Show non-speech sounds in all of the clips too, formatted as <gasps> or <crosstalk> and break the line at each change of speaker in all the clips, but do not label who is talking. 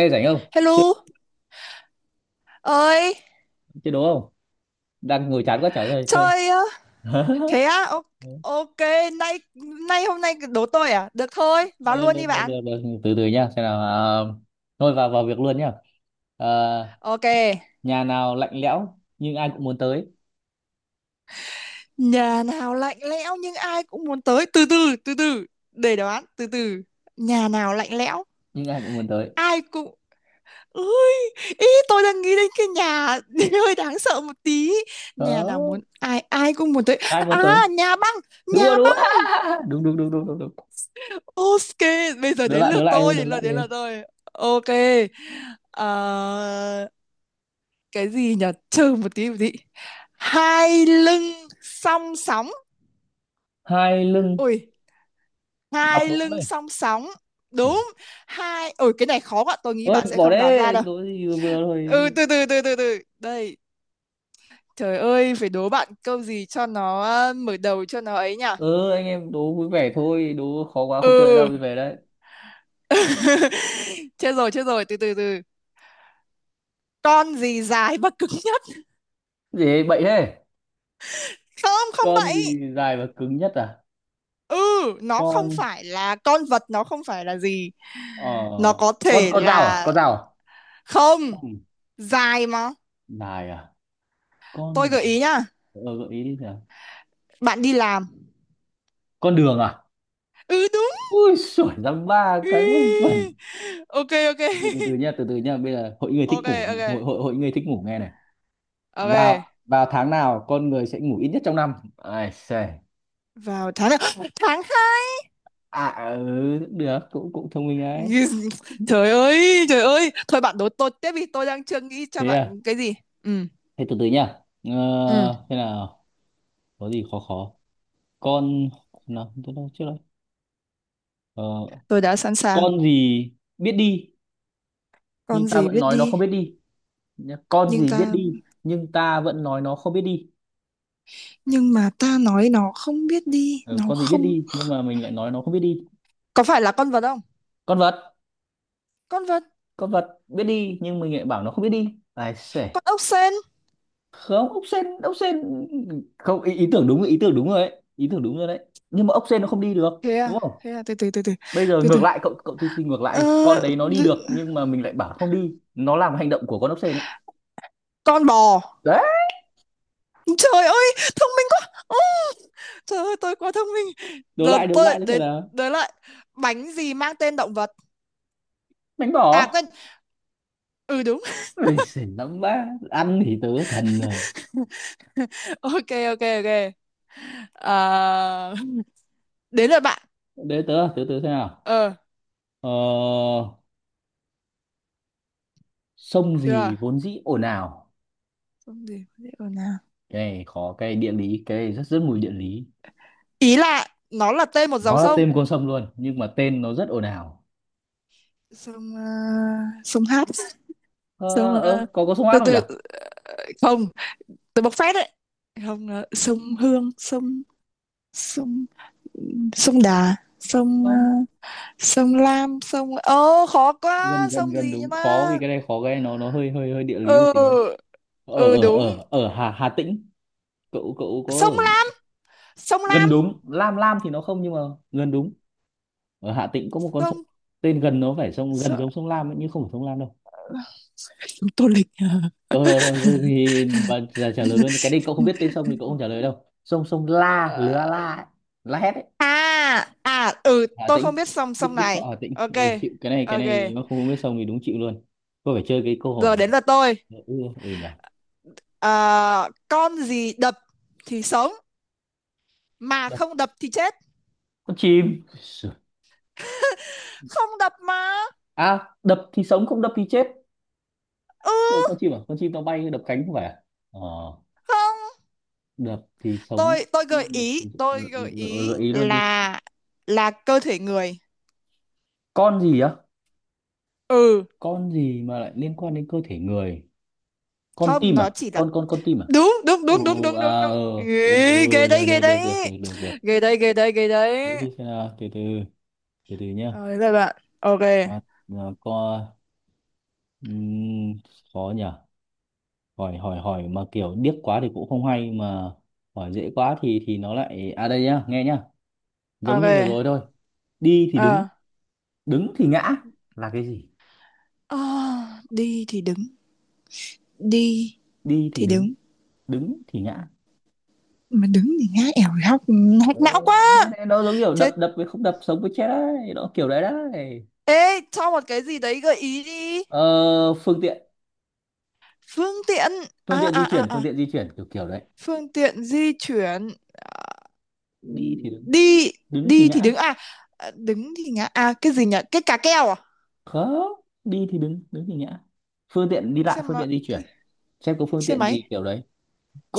Ê rảnh không? Chơi
Hello, ơi,
chơi đố không? Đang ngồi chán quá chả ra chơi.
chơi á.
<laughs>
Thế á, ok, nay nay hôm nay đố tôi à? Được thôi, vào
Ờ,
luôn
được,
đi
được,
bạn.
được, được. Từ từ nhá, xem nào. Thôi vào vào việc luôn nhá. À,
Ok,
nhà nào lạnh lẽo nhưng ai cũng muốn tới,
nhà nào lạnh lẽo nhưng ai cũng muốn tới. Từ từ, từ từ, để đoán, từ từ. Nhà nào lạnh lẽo,
nhưng ai cũng muốn tới.
ai cũng... Ui, ý tôi đang nghĩ đến cái nhà <laughs> hơi đáng sợ một tí. Nhà nào
Đó,
muốn ai ai cũng muốn tới.
ai muốn
À,
tới?
nhà băng,
Đúng
nhà
rồi, đúng rồi.
băng.
<laughs> Đúng đúng đúng đúng đúng đúng.
Ok, bây giờ đến
Đưa
lượt
lại đi,
tôi,
đưa
đến lượt
lại
đến
đi.
lượt tôi. Ok. Ờ, cái gì nhỉ? Trừ một tí một tí. Hai lưng song sóng.
Hai lưng
Ui,
đọc
hai
đúng
lưng
đấy.
song sóng.
Ủa.
Đúng. Hai Ui, cái này khó quá, tôi nghĩ
Ôi
bạn sẽ
bỏ
không đoán ra
đấy,
đâu.
đố gì vừa vừa
Ừ,
thôi.
từ từ từ từ từ. Đây, trời ơi, phải đố bạn câu gì cho nó mở đầu cho nó ấy nhỉ?
Ừ anh em đố vui vẻ thôi, đố khó quá không chơi
Ừ.
đâu đi về đấy.
<laughs> Chết rồi, từ từ từ. Con gì dài và cứng nhất?
Gì bậy thế?
Không, không
Con
bậy.
gì dài và cứng nhất à?
Ừ, nó không
Con
phải là con vật, nó không phải là gì,
ờ
nó có
con
thể
con dao à?
là.
Con dao à?
Không
Ừ.
dài mà.
Dài à?
Tôi
Con mà.
gợi ý nhá.
Ờ, gợi ý đi nào.
Bạn đi làm.
Con đường à?
Ừ đúng.
Ui sủa ra ba cái vớ
Ừ.
vẩn.
Ok, ok
Từ từ từ nha,
<laughs>
từ từ nha. Bây giờ hội người thích
ok,
ngủ,
ok,
hội hội hội người thích ngủ nghe này. vào
ok.
vào tháng nào con người sẽ ngủ ít nhất trong năm ai xề?
Vào tháng nào? <gasps> Tháng hai.
À ừ, cũng được, cũng cũng thông minh đấy.
Trời ơi, trời ơi, thôi bạn đố tôi tiếp vì tôi đang chưa nghĩ cho
Thế
bạn
à?
cái gì. Ừ,
Thế từ từ nha. Ờ,
ừ,
Thế nào, có gì khó khó? Con nào tôi đâu trước đấy?
tôi đã sẵn sàng.
Con gì biết đi
Con
nhưng ta
gì
vẫn
biết
nói nó
đi
không biết đi nhá. Con
nhưng
gì biết
ta
đi nhưng ta vẫn nói nó không biết đi?
nhưng mà ta nói nó không biết đi,
Ừ,
nó
con gì biết
không.
đi nhưng mà mình lại nói nó không biết đi?
Có phải là con vật không?
Con vật.
Con vật.
Con vật biết đi nhưng mình lại bảo nó không biết đi ai sể?
Con ốc sên.
Không, ốc sên ốc sên, không ý, ý tưởng đúng, ý tưởng đúng rồi đấy, ý tưởng đúng rồi đấy, nhưng mà ốc sên nó không đi được
Thế
đúng
à,
không?
thế à, từ từ từ từ
Bây giờ
từ từ.
ngược lại, cậu cậu thí sinh ngược lại
ờ,
đi. Con đấy nó
d-
đi được nhưng mà mình lại bảo không đi, nó làm hành động của con ốc sên ấy.
con bò.
Đấy.
Trời ơi thông minh quá. Ồ, trời ơi tôi quá thông minh.
Đổ
Giờ
lại, đổ
tôi lại
lại như thế
đến.
là.
Tới lại. Bánh gì mang tên động vật?
Đánh
À
bỏ.
quên. Ừ đúng.
Ôi xì, nóng quá ăn thì tớ thần rồi.
<laughs> Ok, ok, ok. Ờ, đến lượt bạn.
Để tớ, tớ xem nào.
Ờ,
Ờ, sông
được rồi.
gì vốn dĩ ồn ào?
Sông gì có thể ở nào?
Cái này khó, cái này địa lý, cái này rất rất mùi địa lý.
Ý là nó là tên một dòng
Nó là
sông.
tên con sông luôn nhưng mà tên nó rất ồn ào.
Sông sông Hát.
ờ,
Sông
ờ có sông Át
từ
không nhỉ?
từ. Không, tôi bộc phát đấy. Không, sông Hương. Sông sông sông Đà. Sông
Không,
sông Lam. Sông, ơ khó
gần
quá,
gần
sông
gần
gì nhỉ,
đúng. Khó
ma.
vì cái này khó, cái này nó hơi hơi hơi địa lý một tí.
Ừ.
Ở
Ừ
ở
đúng.
ở ở Hà Hà Tĩnh. Cậu cậu có
Sông
ở.
Lam. Sông
Gần
Lam.
đúng, Lam Lam thì nó không nhưng mà gần đúng. Ở Hà Tĩnh có một con sông
Sông
tên gần, nó phải sông gần
sông,
giống sông Lam ấy, nhưng không phải sông Lam đâu.
sông Tô Lịch.
Rồi, rồi, rồi, thì bà trả,
<laughs>
trả lời luôn. Cái này cậu không biết tên sông thì cậu không
À.
trả lời đâu, sông, sông La Lứa
Ờ,
La ấy. La Hét ấy.
à, à, ừ
Hà
tôi không
Tĩnh,
biết sông,
Đức,
sông
Đức Thọ,
này.
Hà Tĩnh,
Ok,
ừ. Chịu, cái
ok.
này mà không biết sông thì đúng chịu luôn. Có phải chơi cái câu hỏi
Giờ
này.
đến lượt tôi.
Ừ, ừ. Ừ nhỉ.
Ờ, con gì đập thì sống mà
Đập.
không đập thì chết?
Con chim Sửa.
Không đập mà.
À đập thì sống không đập thì chết. Ủa, con
Ừ.
chim à? Con chim nó bay đập cánh không phải à? Ờ,
Không,
đập thì sống
tôi tôi gợi
không đập thì...
ý,
Gợi ý luôn đi.
là cơ thể người.
Con gì á?
Ừ.
Con gì mà lại liên quan đến cơ thể người? Con
Không,
tim
nó
à?
chỉ là.
Con tim à?
Đúng, đúng,
Ừ.
đúng, đúng, đúng, đúng,
À
đúng.
ừ, ừ
Ghê,
ừ,
ghê đấy,
rồi,
ghê
được được được
đấy,
được được được.
ghê đấy, ghê đấy, ghê
Thế
đấy.
thì xem nào, từ từ nhá.
Rồi, các bạn ok.
À, à, có. ừm, Khó nhỉ. Hỏi hỏi hỏi mà kiểu điếc quá thì cũng không hay mà hỏi dễ quá thì nó lại. À đây nhá, nghe nhá, giống như vừa
Ok.
rồi thôi. Đi thì đứng,
Ờ.
đứng thì ngã là cái gì?
Ờ, đi thì đứng. Đi
Đi thì
thì
đứng,
đứng
đứng thì ngã.
mà đứng thì ngã. Ẻo hóc. Hóc não
Đấy, thế
quá.
này nó giống kiểu đập
Chết.
đập với không đập, sống với chết đấy, nó kiểu đấy đấy.
Ê, cho một cái gì đấy gợi ý đi.
Ờ, phương tiện,
Phương tiện.
phương
À,
tiện
à,
di
à,
chuyển, phương
à.
tiện di chuyển kiểu kiểu đấy.
Phương tiện di chuyển. Ừ,
Đi thì đứng,
đi
đứng thì
đi thì đứng
ngã.
à? À, đứng thì ngã à, cái gì nhỉ, cái cà keo à?
Không, đi thì đứng, đứng thì ngã, phương tiện đi
Xe
lại, phương
máy.
tiện di chuyển. Xem có phương
Xe
tiện
máy.
gì kiểu đấy.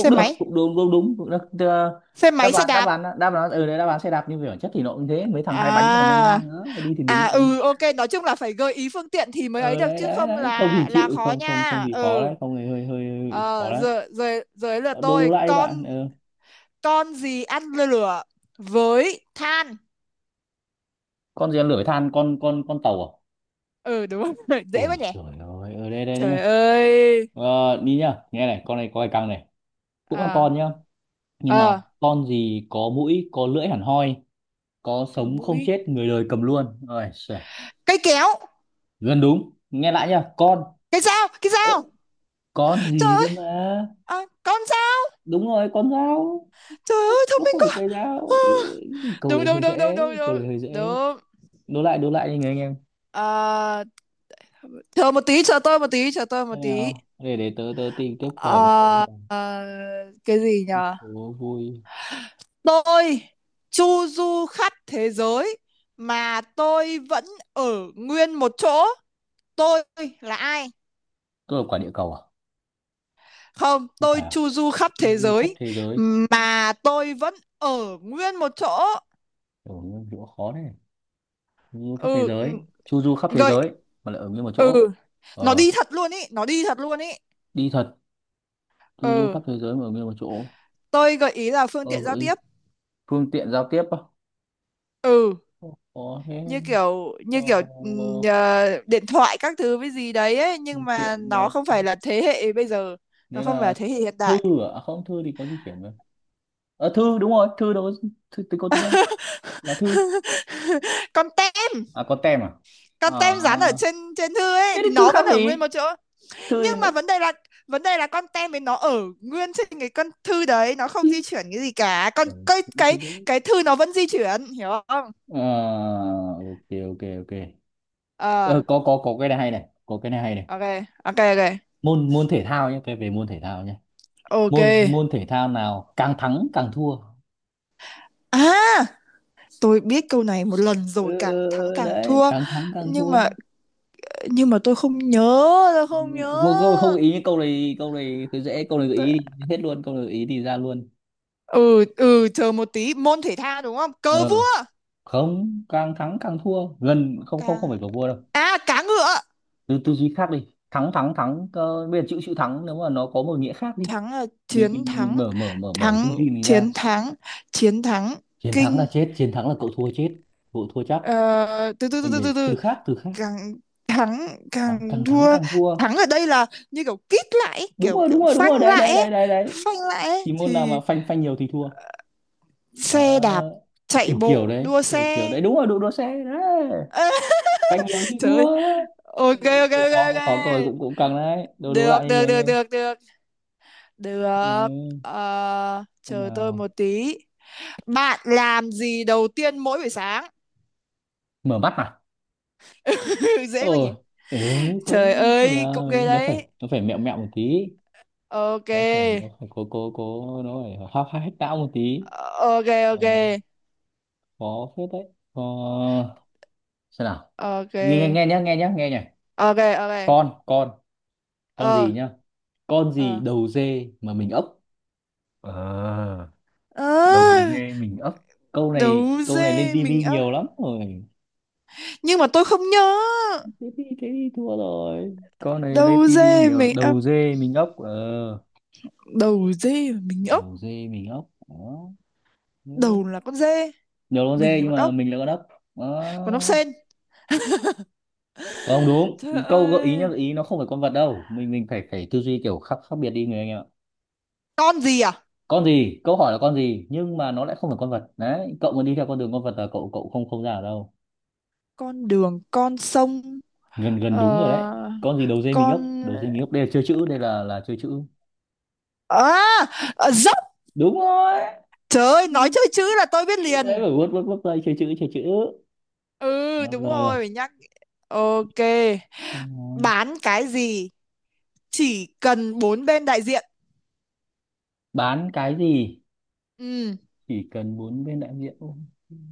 Xe
được,
máy.
cũng đúng đúng đúng, cũng được. Tức là
Xe máy.
đáp
Xe
án, đáp
đạp.
án, đáp án ừ đấy, đáp án xe đạp, nhưng về bản chất thì nó cũng thế, mấy thằng hai bánh là ngang
À,
ngang nữa, đi thì đứng,
à,
đứng.
ừ, ok, nói chung là phải gợi ý phương tiện thì mới ấy
Ờ
được,
đấy
chứ
đấy
không
đấy, không thì
là
chịu,
khó
không không
nha.
không thì khó
Ừ.
đấy, không thì hơi hơi, hơi khó
Ờ,
đấy.
giờ giờ giờ là
Ờ, đố đố
tôi
lại đi
con.
bạn, ừ.
Con gì ăn lửa với than?
Con gì ăn lửa với than? Con tàu à?
Ừ đúng rồi. <laughs> Dễ
Ôi
quá nhỉ.
trời ơi ở đây, đây đấy nhá.
Trời ơi.
Ờ, đi nhá, nghe này con này có cái căng này, cũng là
À,
con nhá, nhưng mà
ờ,
con gì có mũi có lưỡi hẳn hoi, có
có
sống không
mũi,
chết người đời cầm luôn. Ôi giời,
cây kéo,
gần đúng, nghe lại nhá, con.
cái dao, cái
Ơ,
dao.
con
Trời
gì cơ
ơi.
mà.
À, con dao.
Đúng rồi, con dao.
Trời ơi thông
Nó
minh
không phải
quá.
cây
Ờ,
dao. Ê, câu
đúng,
đấy
đúng,
hơi
đúng, đúng,
dễ.
đúng,
Câu
đúng,
đấy hơi dễ.
đúng.
Đố lại, đố lại đi người anh em.
À, chờ một tí, chờ tôi một tí, chờ tôi một
Thế
tí.
nào để tớ, tìm tiếp câu hỏi với, tớ
À,
rồi.
à, cái gì nhở?
Đố vui.
Tôi chu du khắp thế giới mà tôi vẫn ở nguyên một chỗ. Tôi là ai?
Cơ là quả địa cầu à?
Không,
Không
tôi
phải à?
chu du khắp
Chu
thế
du khắp
giới
thế giới,
mà tôi vẫn ở nguyên một chỗ.
ở nguyên chỗ khó đấy. Chu du khắp thế
Ừ,
giới,
ừ,
chu du khắp thế
gợi.
giới mà lại ở nguyên một chỗ.
Ừ, nó
Ờ,
đi thật luôn ý, nó đi thật luôn ý.
đi thật, du du
Ừ.
khắp thế giới mà ở nguyên một chỗ.
Tôi gợi ý là phương
Ờ,
tiện giao
gợi ý.
tiếp.
Phương tiện giao tiếp á?
Ừ.
Không có thế.
Như kiểu,
Ờ,
như kiểu điện thoại các thứ với gì đấy ấy, nhưng
phương tiện
mà nó
giao
không phải
tiếp
là thế hệ bây giờ. Nó
đấy
không phải là
là
thế hệ hiện
thư
đại.
à? À không, thư thì có di chuyển mà. Ờ thư đúng rồi, thư đâu có, thư tính có tính không là thư?
<laughs> Con tem.
À có tem à? À,
Con tem dán ở trên trên thư ấy
thế thì
thì
thư
nó
khác
vẫn ở nguyên
gì,
một chỗ.
thư
Nhưng
thì nó,
mà vấn đề là, con tem ấy nó ở nguyên trên cái con thư đấy, nó không
chứ.
di chuyển cái gì cả. Con
Ờ
cái,
cũng thế
cái.
đấy.
Cái thư nó vẫn di chuyển, hiểu không?
Ờ, ok ok ok. Ờ,
Ờ,
có cái này hay này, có cái này hay này.
ok, ok, ok,
Môn môn thể thao nhé, cái về môn thể thao nhé.
ok.
Môn môn thể thao nào càng thắng càng thua?
À, tôi biết câu này một lần rồi, càng thắng
Ừ,
càng
đấy
thua.
càng thắng càng
Nhưng
thua.
mà, tôi không nhớ. Tôi
Ừ,
không nhớ.
một câu không gợi ý, câu này cứ dễ, câu này gợi
Tôi...
ý thì hết luôn, câu này gợi ý thì ra luôn.
Ừ, ừ, chờ một tí. Môn thể thao đúng không? Cờ
Ờ,
vua.
không, càng thắng càng thua gần, không không không
Càng.
phải cầu vua đâu.
À, cá ngựa.
Tư tư duy khác đi, thắng thắng thắng. Ờ, bây giờ chữ chữ thắng nếu mà nó có một nghĩa khác đi,
Thắng là chiến
mình
thắng.
mở mở mở mở tư
Thắng,
duy mình ra.
chiến thắng. Chiến thắng.
Chiến thắng là
Kinh.
chết, chiến thắng là cậu thua chết, cậu thua chắc.
Ờ, từ từ từ
Mình
từ từ
phải
từ.
từ khác, từ khác.
Càng thắng
Thắng,
càng
càng thắng
thua.
càng thua.
Thắng ở đây là như kiểu kít lại ấy,
Đúng
kiểu,
rồi, đúng
kiểu
rồi, đúng
phanh
rồi, đấy
lại
đấy
ấy,
đấy đấy đấy.
phanh lại ấy,
Thì môn nào mà
thì.
phanh phanh nhiều thì thua.
Xe đạp.
Đó.
Chạy
Kiểu kiểu
bộ,
đấy,
đua
kiểu kiểu
xe.
đấy, đúng rồi, đụ đua xe đấy,
Ơ. <laughs>
banh nhiều thì
Trời
thua.
ơi.
Ừ,
Ok, ok, ok, ok.
cũng khó cười, cũng cũng căng đấy, đấu đấu
Được,
lại đi,
được,
nghe
được,
nghe.
được, được, được.
Ừ.
Ờ,
Thế
chờ tôi
nào?
một tí. Bạn làm gì đầu tiên mỗi buổi sáng?
Mở mắt à?
<laughs>
Ờ.
Dễ quá nhỉ.
Ừ,
Trời
cũng thế
ơi cũng
nào
ghê
nó phải,
đấy.
nó phải mẹo mẹo một tí,
Ok.
nó phải cố cố cố nó phải hóc hách não một tí.
Ờ, ok. Ok,
Ờ, khó phết đấy. Ờ, xem nào,
ok,
nghe nghe nghe nhá, nghe nhá, nghe nhá.
ok, ok,
Con con
Ờ,
gì nhá? Con gì
ờ.
đầu dê mà mình ốc? Ờ. Đầu
À,
dê mình ấp. Câu này
đầu
câu này lên
dê mình
tivi
ốc.
nhiều lắm rồi.
Nhưng mà tôi không nhớ.
Thế thì thế thì thua rồi, câu này lên
Đầu
tivi
dê
nhiều,
mình ốc.
đầu dê mình ấp ờ.
Đầu dê mà mình
Đầu
ốc.
dê mình ấp, đó. Ừ.
Đầu là con dê.
Nhiều con
Mình
dê
là
nhưng
con
mà
ốc.
mình là con ấp.
Con ốc
Đó.
sên.
Không đúng.
Trời
Câu gợi ý
ơi.
nhá, gợi ý nó không phải con vật đâu, mình phải phải tư duy kiểu khác, khác biệt đi người anh em ạ.
Con gì à?
Con gì, câu hỏi là con gì nhưng mà nó lại không phải con vật đấy, cậu mà đi theo con đường con vật là cậu cậu không không ra ở đâu.
Con đường, con sông.
Gần gần
Ờ.
đúng rồi đấy. Con gì đầu dê mình ấp,
Con.
đầu dê mình ấp, đây là chơi chữ, đây là chơi chữ.
À, à, dốc.
Đúng rồi,
Trời ơi, nói chơi chữ là tôi biết
đấy,
liền.
phải vuốt vuốt vuốt đây, chơi chữ, chơi chữ.
Ừ
Rồi
đúng
rồi rồi.
rồi phải nhắc. Ok.
Hay nói.
Bán cái gì chỉ cần bốn bên đại diện?
Bán cái gì
Ừ.
chỉ cần bốn bên đại diện? Ô,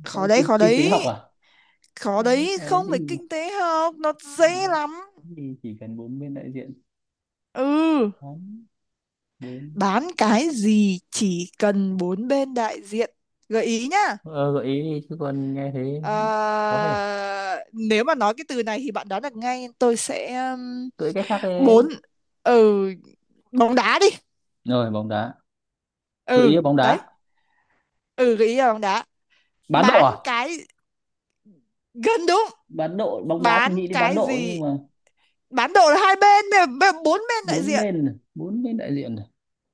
Khó
sao,
đấy,
kinh,
khó
kinh tế
đấy.
học à?
Khó
Bán
đấy,
cái
không phải
gì?
kinh tế học, nó dễ
Bán
lắm.
cái gì chỉ cần bốn bên đại diện?
Ừ.
Bán, bốn.
Bán cái gì chỉ cần bốn bên đại diện? Gợi ý nhá.
Ờ, gợi ý đi chứ còn nghe thế.
Ờ,
Có thể
nếu mà nói cái từ này thì bạn đoán được ngay, tôi sẽ
cưỡi cách khác đi.
bốn. Ừ. Bóng đá đi.
Rồi, bóng đá. Gợi ý
Ừ
là bóng đá.
đấy. Ừ, gợi ý là bóng đá.
Bán độ
Bán
à?
cái. Gần đúng.
Bán độ, bóng đá thì
Bán
nghĩ đến bán
cái
độ nhưng
gì?
mà
Bán độ là hai bên, bốn bên đại
bốn
diện.
bên này, bốn bên đại diện này.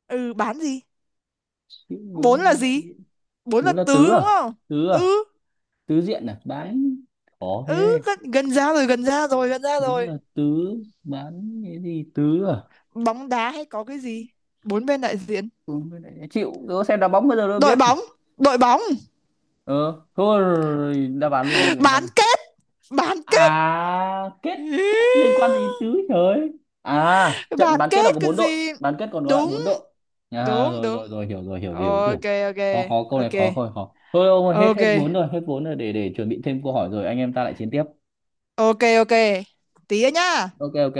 Ừ, bán gì?
Chữ bốn
Bốn là
bên đại
gì?
diện.
Bốn
Bốn
là
là
tứ
tứ à?
đúng không?
Tứ à?
Ừ.
Tứ diện à, bán. Khó
Ừ,
thế.
gần, gần ra rồi, gần ra rồi, gần ra
Đúng
rồi.
là tứ. Bán cái gì tứ à?
Bóng đá hay có cái gì? Bốn bên đại diện.
Ừ, cái này chịu, đố xem đá bóng bây giờ đâu
Đội
biết.
bóng. Đội bóng.
Ờ thôi rồi, đáp án luôn đi người anh
Bán
em.
kết. Bán kết.
À kết. Kết liên quan gì
<laughs>
tứ trời. À trận
Bán
bán kết là
kết
có
cái
bốn đội,
gì.
bán kết còn có lại
Đúng,
bốn đội. À
đúng,
rồi
đúng.
rồi rồi hiểu rồi, hiểu hiểu ý tưởng.
Ok, ok,
Khó khó, câu này khó,
ok,
câu này khó thôi ông ơi. Hết
ok,
hết bốn rồi, hết bốn rồi, để chuẩn bị thêm câu hỏi rồi anh em ta lại chiến tiếp.
ok, ok. Tí nữa nhá.
Ok ok.